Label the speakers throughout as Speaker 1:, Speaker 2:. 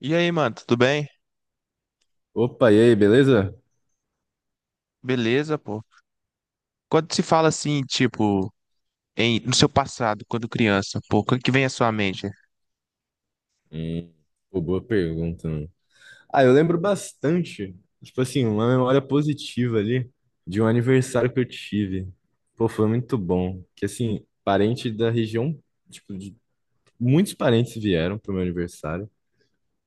Speaker 1: E aí, mano, tudo bem?
Speaker 2: Opa, e aí, beleza?
Speaker 1: Beleza, pô. Quando se fala assim, tipo, no seu passado, quando criança, pô, o que que vem à sua mente?
Speaker 2: Hum, Pô, boa pergunta, mano. Ah, eu lembro bastante, tipo assim, uma memória positiva ali de um aniversário que eu tive. Pô, foi muito bom. Que assim, parente da região, tipo, muitos parentes vieram pro meu aniversário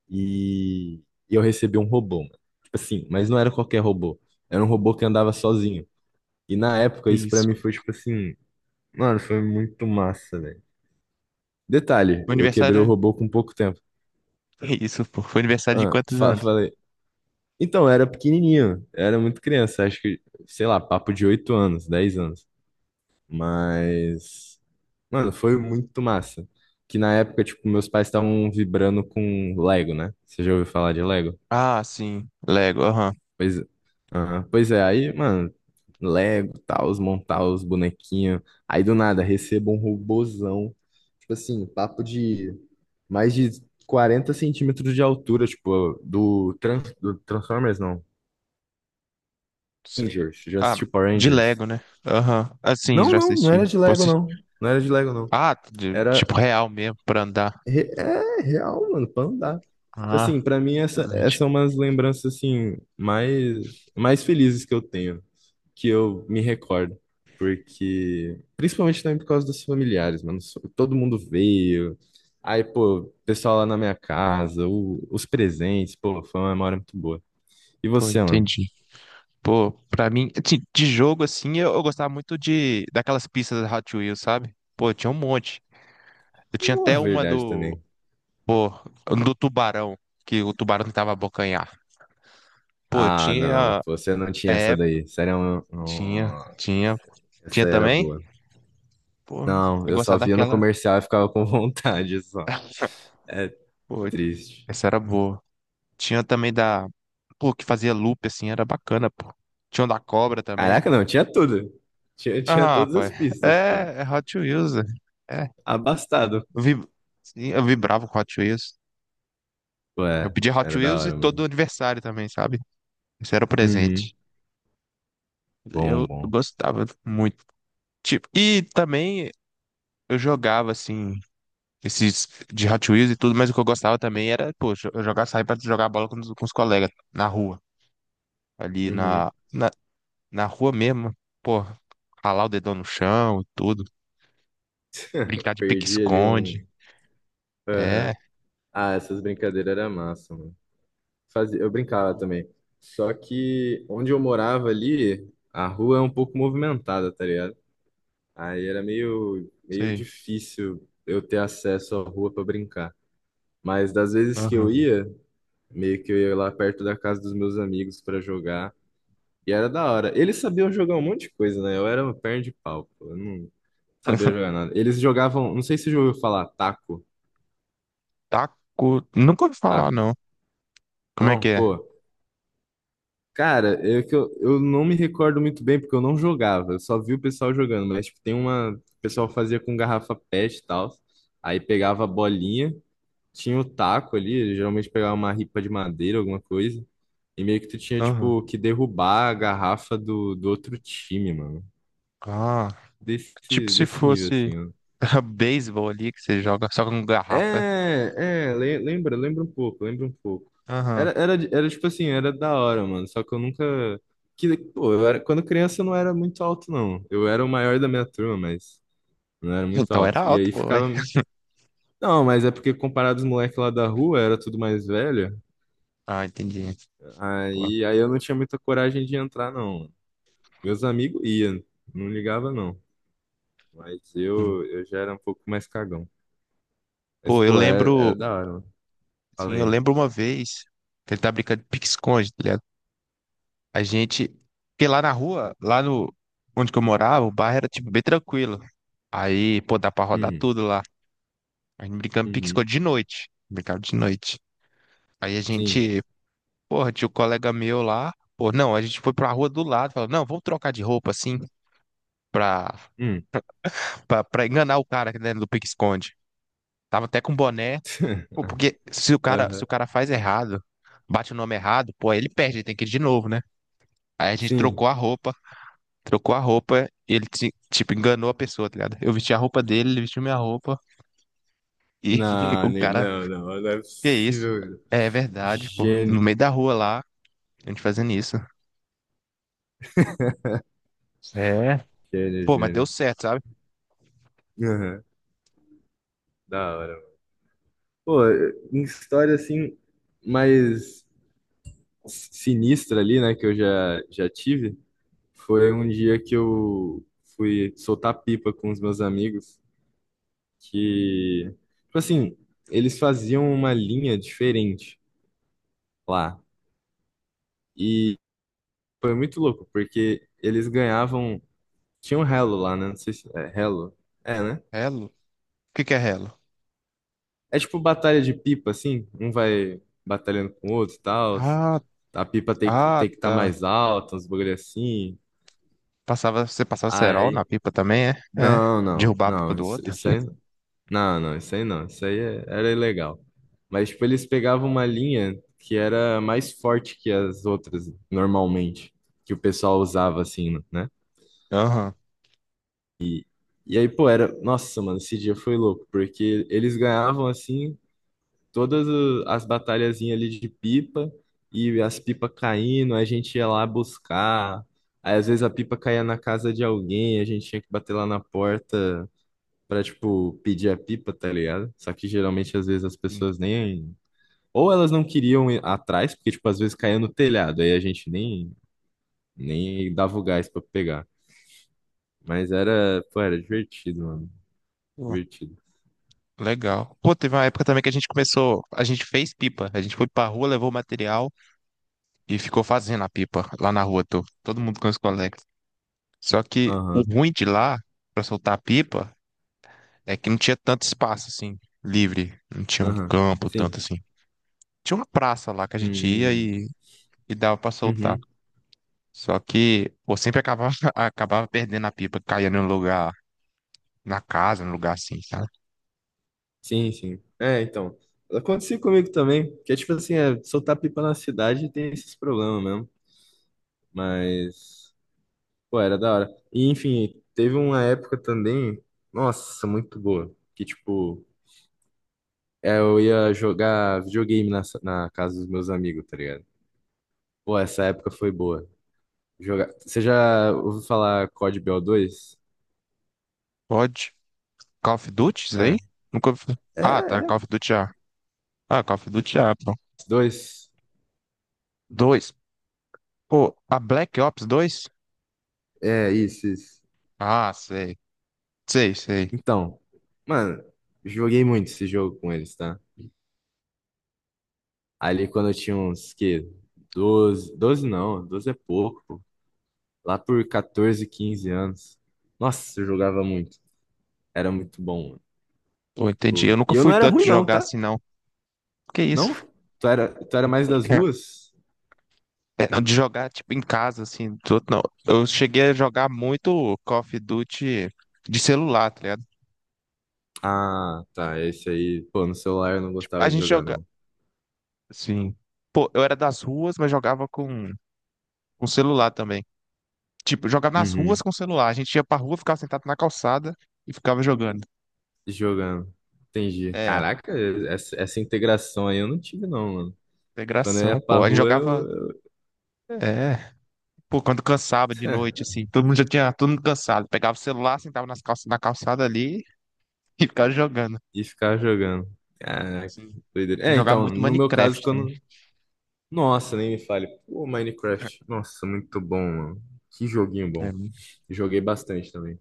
Speaker 2: e e eu recebi um robô, mano. Tipo assim, mas não era qualquer robô. Era um robô que andava sozinho. E na época isso pra
Speaker 1: Isso.
Speaker 2: mim foi tipo assim, mano, foi muito massa, velho. Detalhe,
Speaker 1: O
Speaker 2: eu quebrei o
Speaker 1: aniversário.
Speaker 2: robô com pouco tempo.
Speaker 1: Isso, pô. Foi aniversário de
Speaker 2: Ah,
Speaker 1: quantos anos?
Speaker 2: falei, então, eu era pequenininho, eu era muito criança, acho que, sei lá, papo de 8 anos, 10 anos. Mas, mano, foi muito massa. Que na época, tipo, meus pais estavam vibrando com Lego, né? Você já ouviu falar de Lego?
Speaker 1: Ah, sim. Lego, aham.
Speaker 2: Pois, aham. Pois é, aí, mano, Lego, tal, os montar os bonequinhos. Aí do nada, recebo um robozão, tipo assim, papo de mais de 40 centímetros de altura, tipo, do, trans, do Transformers, não.
Speaker 1: Se-
Speaker 2: Rangers, já
Speaker 1: Ah,
Speaker 2: assistiu Power
Speaker 1: de
Speaker 2: Rangers?
Speaker 1: Lego, né? Aham. Assim,
Speaker 2: Não,
Speaker 1: já
Speaker 2: não, não
Speaker 1: assisti.
Speaker 2: era de
Speaker 1: Pô,
Speaker 2: Lego, não. Não era de Lego, não. Era.
Speaker 1: Tipo real mesmo pra andar.
Speaker 2: É real, mano, pra andar. Tipo assim,
Speaker 1: Ah,
Speaker 2: pra mim, essa, essas
Speaker 1: excelente.
Speaker 2: são umas lembranças, assim, mais, mais felizes que eu tenho, que eu me recordo. Porque. Principalmente também por causa dos familiares, mano. Todo mundo veio. Aí, pô, o pessoal lá na minha casa, os presentes, pô, foi uma memória muito boa. E
Speaker 1: Pô,
Speaker 2: você, mano?
Speaker 1: entendi. Pô, pra mim, assim, de jogo assim, eu gostava muito de daquelas pistas da Hot Wheels, sabe? Pô, tinha um monte. Eu tinha
Speaker 2: Não é
Speaker 1: até uma
Speaker 2: verdade
Speaker 1: do,
Speaker 2: também.
Speaker 1: pô, um do tubarão, que o tubarão tentava abocanhar. Pô,
Speaker 2: Ah, não,
Speaker 1: tinha,
Speaker 2: você não tinha essa
Speaker 1: é,
Speaker 2: daí. Sério, um...
Speaker 1: tinha,
Speaker 2: Nossa,
Speaker 1: tinha
Speaker 2: essa era
Speaker 1: também.
Speaker 2: boa.
Speaker 1: Pô,
Speaker 2: Não,
Speaker 1: eu
Speaker 2: eu só
Speaker 1: gostava
Speaker 2: via no
Speaker 1: daquela.
Speaker 2: comercial e ficava com vontade só. É
Speaker 1: Pô,
Speaker 2: triste.
Speaker 1: essa era boa. Tinha também da, pô, que fazia loop assim, era bacana, pô. Tinha um da cobra também.
Speaker 2: Caraca, não, tinha tudo. Tinha,
Speaker 1: Ah,
Speaker 2: tinha todas as
Speaker 1: rapaz.
Speaker 2: pistas, pô.
Speaker 1: É, é Hot Wheels. É.
Speaker 2: Abastado.
Speaker 1: Eu vi, sim, eu vibrava com Hot Wheels. Eu
Speaker 2: Ué,
Speaker 1: pedi Hot
Speaker 2: era da
Speaker 1: Wheels e
Speaker 2: hora,
Speaker 1: todo
Speaker 2: mano.
Speaker 1: aniversário também, sabe? Esse era o
Speaker 2: Uhum.
Speaker 1: presente.
Speaker 2: Bom,
Speaker 1: Eu
Speaker 2: bom.
Speaker 1: gostava muito. Tipo, e também eu jogava, assim, esses de Hot Wheels e tudo, mas o que eu gostava também era, poxa, eu jogar, sair pra jogar bola com os colegas na rua. Ali
Speaker 2: Uhum.
Speaker 1: na, na, na rua mesmo. Pô, ralar o dedão no chão e tudo. Brincar de
Speaker 2: Perdi ali
Speaker 1: pique-esconde.
Speaker 2: um.
Speaker 1: É,
Speaker 2: Aham. Ah, essas brincadeiras eram massa, mano. Fazia... Eu brincava também. Só que onde eu morava ali, a rua é um pouco movimentada, tá ligado? Aí era meio, meio
Speaker 1: sei.
Speaker 2: difícil eu ter acesso à rua para brincar. Mas das vezes que eu
Speaker 1: Aham.
Speaker 2: ia, meio que eu ia lá perto da casa dos meus amigos para jogar. E era da hora. Eles sabiam jogar um monte de coisa, né? Eu era uma perna de pau, pô. Eu não sabia jogar nada. Eles jogavam, não sei se você já ouviu falar, taco,
Speaker 1: Taco. Nunca ouvi falar, não.
Speaker 2: taco.
Speaker 1: Como é que
Speaker 2: Não,
Speaker 1: é?
Speaker 2: pô. Cara, é que eu não me recordo muito bem porque eu não jogava. Eu só vi o pessoal jogando, mas tipo, tem uma, o pessoal fazia com garrafa PET e tal. Aí pegava a bolinha tinha o taco ali, ele geralmente pegava uma ripa de madeira, alguma coisa, e meio que tu tinha,
Speaker 1: Aham.
Speaker 2: tipo, que derrubar a garrafa do outro time, mano.
Speaker 1: Ah, tipo
Speaker 2: Desse,
Speaker 1: se
Speaker 2: desse nível,
Speaker 1: fosse
Speaker 2: assim, ó.
Speaker 1: beisebol ali que você joga só com garrafa, é?
Speaker 2: É, é, lembra, lembra um pouco, lembra um pouco.
Speaker 1: Aham.
Speaker 2: Era tipo assim, era da hora, mano, só que eu nunca... Que, pô, eu era, quando criança eu não era muito alto, não. Eu era o maior da minha turma, mas não era muito
Speaker 1: Então
Speaker 2: alto.
Speaker 1: era
Speaker 2: E
Speaker 1: alto,
Speaker 2: aí
Speaker 1: pô. Ué.
Speaker 2: ficava... Não, mas é porque comparado aos moleques lá da rua, era tudo mais velho.
Speaker 1: Ah, entendi. Pô,
Speaker 2: Aí eu não tinha muita coragem de entrar, não. Meus amigos iam, não ligava, não. Mas
Speaker 1: hum.
Speaker 2: eu já era um pouco mais cagão. Mas,
Speaker 1: Pô, eu
Speaker 2: pô, era,
Speaker 1: lembro.
Speaker 2: era da hora, mano.
Speaker 1: Sim, eu
Speaker 2: Falei,
Speaker 1: lembro uma vez que ele tá brincando de pique-esconde, tá ligado? A gente. Porque lá na rua, lá no. Onde que eu morava, o bairro era, tipo, bem tranquilo. Aí, pô, dá pra rodar
Speaker 2: hum,
Speaker 1: tudo lá. A gente brincando de
Speaker 2: uhum,
Speaker 1: pique-esconde de noite. Brincava de noite. Aí a
Speaker 2: sim,
Speaker 1: gente porra, tinha um colega meu lá. Pô, não, a gente foi pra rua do lado. Falou, não, vamos trocar de roupa assim pra,
Speaker 2: hum,
Speaker 1: pra enganar o cara aqui dentro do pique-esconde. Tava até com boné. Pô, porque se o
Speaker 2: aham,
Speaker 1: cara faz errado, bate o nome errado, pô, aí ele perde, ele tem que ir de novo, né? Aí a gente
Speaker 2: sim.
Speaker 1: trocou a roupa, e ele, tipo, enganou a pessoa, tá ligado? Eu vesti a roupa dele, ele vestiu minha roupa, e
Speaker 2: Não,
Speaker 1: o cara,
Speaker 2: não, não, não é
Speaker 1: que isso?
Speaker 2: possível.
Speaker 1: É verdade, pô. No
Speaker 2: Gênio,
Speaker 1: meio da rua lá, a gente fazendo isso. É.
Speaker 2: gênio,
Speaker 1: Pô, mas deu
Speaker 2: gênio.
Speaker 1: certo, sabe?
Speaker 2: Aham, da hora, mano. Pô, em história, assim, mais sinistra ali, né, que eu já tive. Foi um dia que eu fui soltar pipa com os meus amigos, que, tipo assim, eles faziam uma linha diferente lá. E foi muito louco, porque eles ganhavam. Tinha um relo lá, né? Não sei se é relo. É, né?
Speaker 1: Relo? O que que é relo?
Speaker 2: É tipo batalha de pipa, assim. Um vai batalhando com o outro e tal.
Speaker 1: Ah,
Speaker 2: A pipa tem que
Speaker 1: ah,
Speaker 2: tem que estar
Speaker 1: tá.
Speaker 2: mais alta, uns bagulho assim.
Speaker 1: Passava, você passava cerol na
Speaker 2: Aí.
Speaker 1: pipa também, é? É.
Speaker 2: Não, não,
Speaker 1: Derrubar a pipa
Speaker 2: não.
Speaker 1: do
Speaker 2: Isso,
Speaker 1: outro.
Speaker 2: isso aí. Não, não, isso aí não. Isso aí era ilegal. Mas, tipo, eles pegavam uma linha que era mais forte que as outras, normalmente, que o pessoal usava, assim, né?
Speaker 1: Aham.
Speaker 2: E, e aí, pô, era. Nossa, mano, esse dia foi louco, porque eles ganhavam, assim, todas as batalhazinhas ali de pipa, e as pipas caindo, a gente ia lá buscar. Aí, às vezes, a pipa caía na casa de alguém, a gente tinha que bater lá na porta pra, tipo, pedir a pipa, tá ligado? Só que geralmente, às vezes, as
Speaker 1: Sim.
Speaker 2: pessoas nem. Ou elas não queriam ir atrás, porque, tipo, às vezes caía no telhado, aí a gente nem dava o gás pra pegar. Mas era, pô, era divertido, mano.
Speaker 1: Pô,
Speaker 2: Divertido.
Speaker 1: legal. Pô, teve uma época também que a gente começou, a gente fez pipa. A gente foi pra rua, levou o material e ficou fazendo a pipa lá na rua, tô. Todo mundo com os colegas. Só que o
Speaker 2: Aham,
Speaker 1: ruim de lá, pra soltar a pipa, é que não tinha tanto espaço, assim, livre. Não tinha um
Speaker 2: aham.
Speaker 1: campo tanto
Speaker 2: Sim.
Speaker 1: assim. Tinha uma praça lá que a gente ia
Speaker 2: Hum,
Speaker 1: e dava pra soltar.
Speaker 2: uhum.
Speaker 1: Só que eu sempre acabava, acabava perdendo a pipa, caía no lugar, na casa, no lugar assim, sabe?
Speaker 2: Sim, sim. É, então. Aconteceu comigo também, que é tipo assim, é, soltar pipa na cidade tem esses problemas mesmo. Mas. Pô, era da hora. E, enfim, teve uma época também, nossa, muito boa, que, tipo, é, eu ia jogar videogame na casa dos meus amigos, tá ligado? Pô, essa época foi boa. Jogar... Você já ouviu falar COD BO2?
Speaker 1: Pode. Call of Duty, isso daí?
Speaker 2: É.
Speaker 1: Nunca ouvi falar.
Speaker 2: É,
Speaker 1: Ah, tá,
Speaker 2: é.
Speaker 1: Call of Duty já. Ah, Call of Duty já, pô.
Speaker 2: Dois.
Speaker 1: Dois. Pô, a Black Ops dois,
Speaker 2: É, isso, isso.
Speaker 1: ah, sei. Sei, sei.
Speaker 2: Então, mano, joguei muito esse jogo com eles, tá? Ali quando eu tinha uns, que, 12 12 não, 12 é pouco, pô. Lá por 14, 15 anos. Nossa, eu jogava muito. Era muito bom.
Speaker 1: Pô, entendi. Eu
Speaker 2: Pô,
Speaker 1: nunca
Speaker 2: e eu
Speaker 1: fui
Speaker 2: não era
Speaker 1: tanto
Speaker 2: ruim,
Speaker 1: de
Speaker 2: não,
Speaker 1: jogar
Speaker 2: tá?
Speaker 1: assim, não. Que isso?
Speaker 2: Não? Tu era mais das ruas?
Speaker 1: É, não, de jogar, tipo, em casa, assim, tudo, não. Eu cheguei a jogar muito Call of Duty de celular, tá ligado?
Speaker 2: Ah, tá. Esse aí, pô, no celular eu não
Speaker 1: Tipo, a
Speaker 2: gostava de
Speaker 1: gente
Speaker 2: jogar,
Speaker 1: joga,
Speaker 2: não.
Speaker 1: assim... Pô, eu era das ruas, mas jogava com celular também. Tipo, jogava nas ruas
Speaker 2: Uhum.
Speaker 1: com celular. A gente ia pra rua, ficava sentado na calçada e ficava jogando.
Speaker 2: Jogando. Entendi.
Speaker 1: É, ó,
Speaker 2: Caraca, essa integração aí eu não tive, não, mano. Quando eu ia
Speaker 1: integração,
Speaker 2: pra
Speaker 1: pô. A gente
Speaker 2: rua, eu,
Speaker 1: jogava.
Speaker 2: eu...
Speaker 1: É. Pô, quando cansava de noite, assim, todo mundo já tinha todo mundo cansado. Pegava o celular, sentava na calçada ali e ficava jogando.
Speaker 2: ia ficar jogando. Caraca,
Speaker 1: Sim.
Speaker 2: doideira. É,
Speaker 1: Jogava
Speaker 2: então,
Speaker 1: muito
Speaker 2: no meu caso,
Speaker 1: Minecraft também.
Speaker 2: quando. Nossa, nem me fale. Pô, Minecraft. Nossa, muito bom, mano. Que joguinho
Speaker 1: É,
Speaker 2: bom. Joguei bastante também.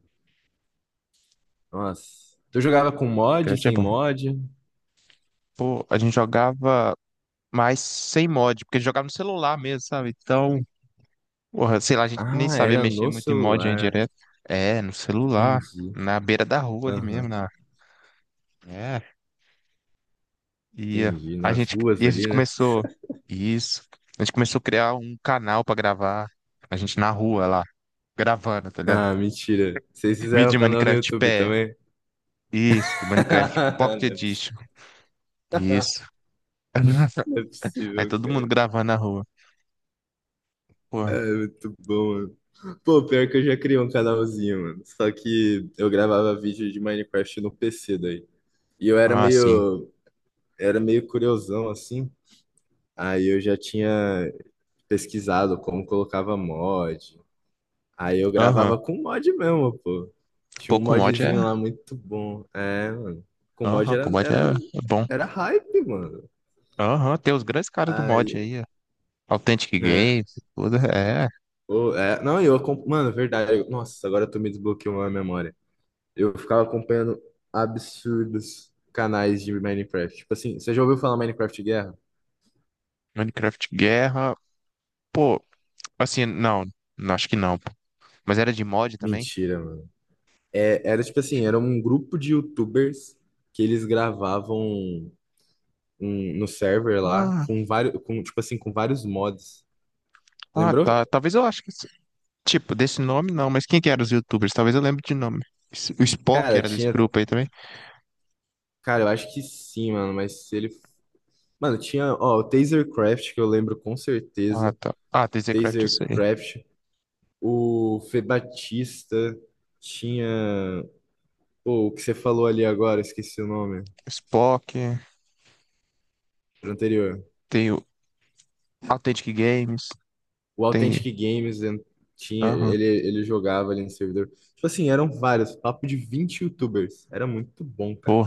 Speaker 2: Nossa. Tu jogava com mod,
Speaker 1: Minecraft é
Speaker 2: sem
Speaker 1: bom.
Speaker 2: mod?
Speaker 1: Pô, a gente jogava mais sem mod, porque jogava no celular mesmo, sabe? Então, porra, sei lá, a gente nem
Speaker 2: Ah,
Speaker 1: sabia
Speaker 2: era
Speaker 1: mexer
Speaker 2: no
Speaker 1: muito em mod aí
Speaker 2: celular.
Speaker 1: direto. É, no celular,
Speaker 2: Entendi.
Speaker 1: na beira da rua ali mesmo,
Speaker 2: Aham,
Speaker 1: na é, e eh,
Speaker 2: entendi. Nas ruas
Speaker 1: e a gente
Speaker 2: ali, né?
Speaker 1: começou isso. A gente começou a criar um canal pra gravar. A gente na rua lá, gravando, tá ligado?
Speaker 2: Ah, mentira. Vocês
Speaker 1: Vídeo
Speaker 2: fizeram um
Speaker 1: de
Speaker 2: canal no
Speaker 1: Minecraft
Speaker 2: YouTube
Speaker 1: pé.
Speaker 2: também?
Speaker 1: Isso, Minecraft Pocket
Speaker 2: Não é
Speaker 1: Edition. Isso.
Speaker 2: não é
Speaker 1: Aí
Speaker 2: possível,
Speaker 1: todo mundo
Speaker 2: cara.
Speaker 1: gravando na rua. Pô,
Speaker 2: É muito bom, mano. Pô, pior que eu já criei um canalzinho, mano. Só que eu gravava vídeo de Minecraft no PC daí. E eu era
Speaker 1: ah, sim.
Speaker 2: meio, era meio curiosão, assim. Aí eu já tinha pesquisado como colocava mod, aí eu
Speaker 1: Aham.
Speaker 2: gravava com mod mesmo, pô. Tinha
Speaker 1: Pô,
Speaker 2: um
Speaker 1: com mod é.
Speaker 2: modzinho lá muito bom. É, mano. Com mod
Speaker 1: Aham, com
Speaker 2: era,
Speaker 1: mod é
Speaker 2: era,
Speaker 1: é bom.
Speaker 2: era hype, mano.
Speaker 1: Aham, tem os grandes caras do mod
Speaker 2: Aí,
Speaker 1: aí. Ó. Authentic
Speaker 2: né?
Speaker 1: Games, tudo. É.
Speaker 2: Ô, é, não, eu, mano, verdade. Nossa, agora tu me desbloqueou a memória. Eu ficava acompanhando absurdos canais de Minecraft. Tipo assim, você já ouviu falar Minecraft Guerra?
Speaker 1: Minecraft Guerra. Pô, assim, não. Não, acho que não. Pô. Mas era de mod também?
Speaker 2: Mentira, mano. É, era tipo assim, era um grupo de YouTubers que eles gravavam no server lá
Speaker 1: Ah,
Speaker 2: com vários, com, tipo assim, com vários mods.
Speaker 1: ah,
Speaker 2: Lembrou?
Speaker 1: tá. Talvez eu acho que. Esse- Tipo, desse nome não, mas quem que eram os YouTubers? Talvez eu lembre de nome. O Spock
Speaker 2: Cara,
Speaker 1: era desse
Speaker 2: tinha.
Speaker 1: grupo aí também?
Speaker 2: Cara, eu acho que sim, mano. Mas se ele. Mano, tinha, ó, o Tasercraft, que eu lembro com
Speaker 1: Ah,
Speaker 2: certeza.
Speaker 1: tá. Ah, tem Zcraft, eu sei.
Speaker 2: Tasercraft. O Fê Batista. Tinha. Pô, o que você falou ali agora, esqueci o nome.
Speaker 1: Spock,
Speaker 2: Pro anterior.
Speaker 1: tem o Authentic Games,
Speaker 2: O
Speaker 1: tem.
Speaker 2: Authentic Games tinha.
Speaker 1: Aham.
Speaker 2: Ele jogava ali no servidor. Tipo assim, eram vários. Papo de 20 youtubers. Era muito bom, cara.
Speaker 1: Pô,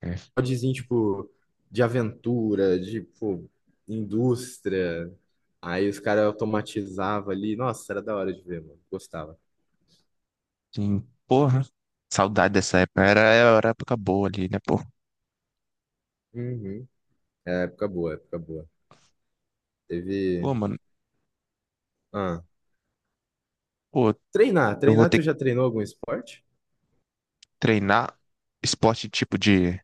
Speaker 1: é.
Speaker 2: Podzinho, tipo, de aventura, de, pô, indústria. Aí os caras automatizavam ali. Nossa, era da hora de ver, mano. Gostava.
Speaker 1: Sim. Porra. Saudade dessa época. Era, era época boa ali, né, pô?
Speaker 2: Uhum. É, época boa, época boa.
Speaker 1: Pô,
Speaker 2: Teve.
Speaker 1: mano.
Speaker 2: Ah,
Speaker 1: Pô,
Speaker 2: treinar.
Speaker 1: eu vou
Speaker 2: Treinar,
Speaker 1: ter
Speaker 2: tu
Speaker 1: que
Speaker 2: já treinou algum esporte?
Speaker 1: treinar esporte tipo de.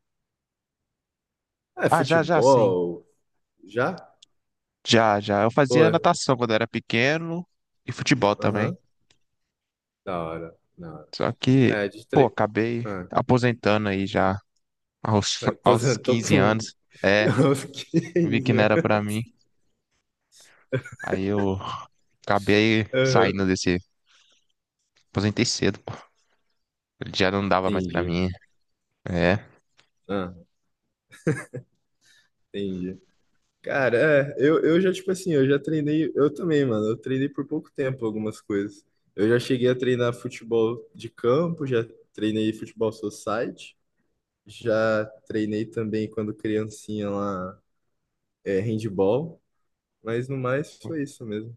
Speaker 2: Ah, é,
Speaker 1: Ah, já, já, sim.
Speaker 2: futebol. Já?
Speaker 1: Já, já. Eu
Speaker 2: Pô,
Speaker 1: fazia natação quando era pequeno e futebol também.
Speaker 2: aham. Da hora, da hora.
Speaker 1: Só que,
Speaker 2: É, de
Speaker 1: pô,
Speaker 2: tre...
Speaker 1: acabei
Speaker 2: Ah,
Speaker 1: aposentando aí já aos
Speaker 2: aposentou
Speaker 1: 15
Speaker 2: com
Speaker 1: anos. É,
Speaker 2: aos
Speaker 1: vi que
Speaker 2: 15
Speaker 1: não era
Speaker 2: anos.
Speaker 1: pra mim. Aí eu acabei
Speaker 2: Aham.
Speaker 1: saindo desse. Aposentei cedo, pô. Já não dava mais pra
Speaker 2: Entendi.
Speaker 1: mim. É.
Speaker 2: Ah, entendi. Cara, é, eu já, tipo assim, eu já treinei, eu também, mano, eu treinei por pouco tempo algumas coisas. Eu já cheguei a treinar futebol de campo, já treinei futebol society, já treinei também quando criancinha lá, é, handball, mas no mais foi isso mesmo.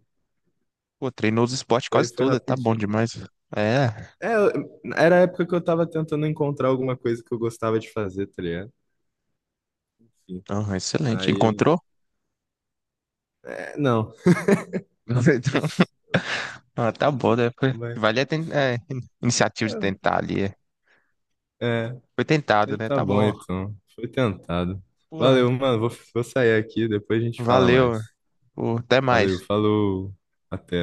Speaker 1: Pô, treinou os esportes
Speaker 2: Foi,
Speaker 1: quase
Speaker 2: foi
Speaker 1: tudo. Tá bom
Speaker 2: rapidinho.
Speaker 1: demais. É.
Speaker 2: É, era a época que eu tava tentando encontrar alguma coisa que eu gostava de fazer, tá ligado? Enfim,
Speaker 1: Ah, excelente.
Speaker 2: aí,
Speaker 1: Encontrou?
Speaker 2: é, não,
Speaker 1: Ah, tá bom, né?
Speaker 2: mas,
Speaker 1: É, iniciativa de tentar ali.
Speaker 2: é, é.
Speaker 1: Foi tentado,
Speaker 2: Aí
Speaker 1: né?
Speaker 2: tá
Speaker 1: Tá
Speaker 2: bom,
Speaker 1: bom.
Speaker 2: então. Foi tentado.
Speaker 1: Porra,
Speaker 2: Valeu, mano. Vou sair aqui, depois a gente fala
Speaker 1: valeu.
Speaker 2: mais.
Speaker 1: Pô, até
Speaker 2: Valeu,
Speaker 1: mais.
Speaker 2: falou. Até.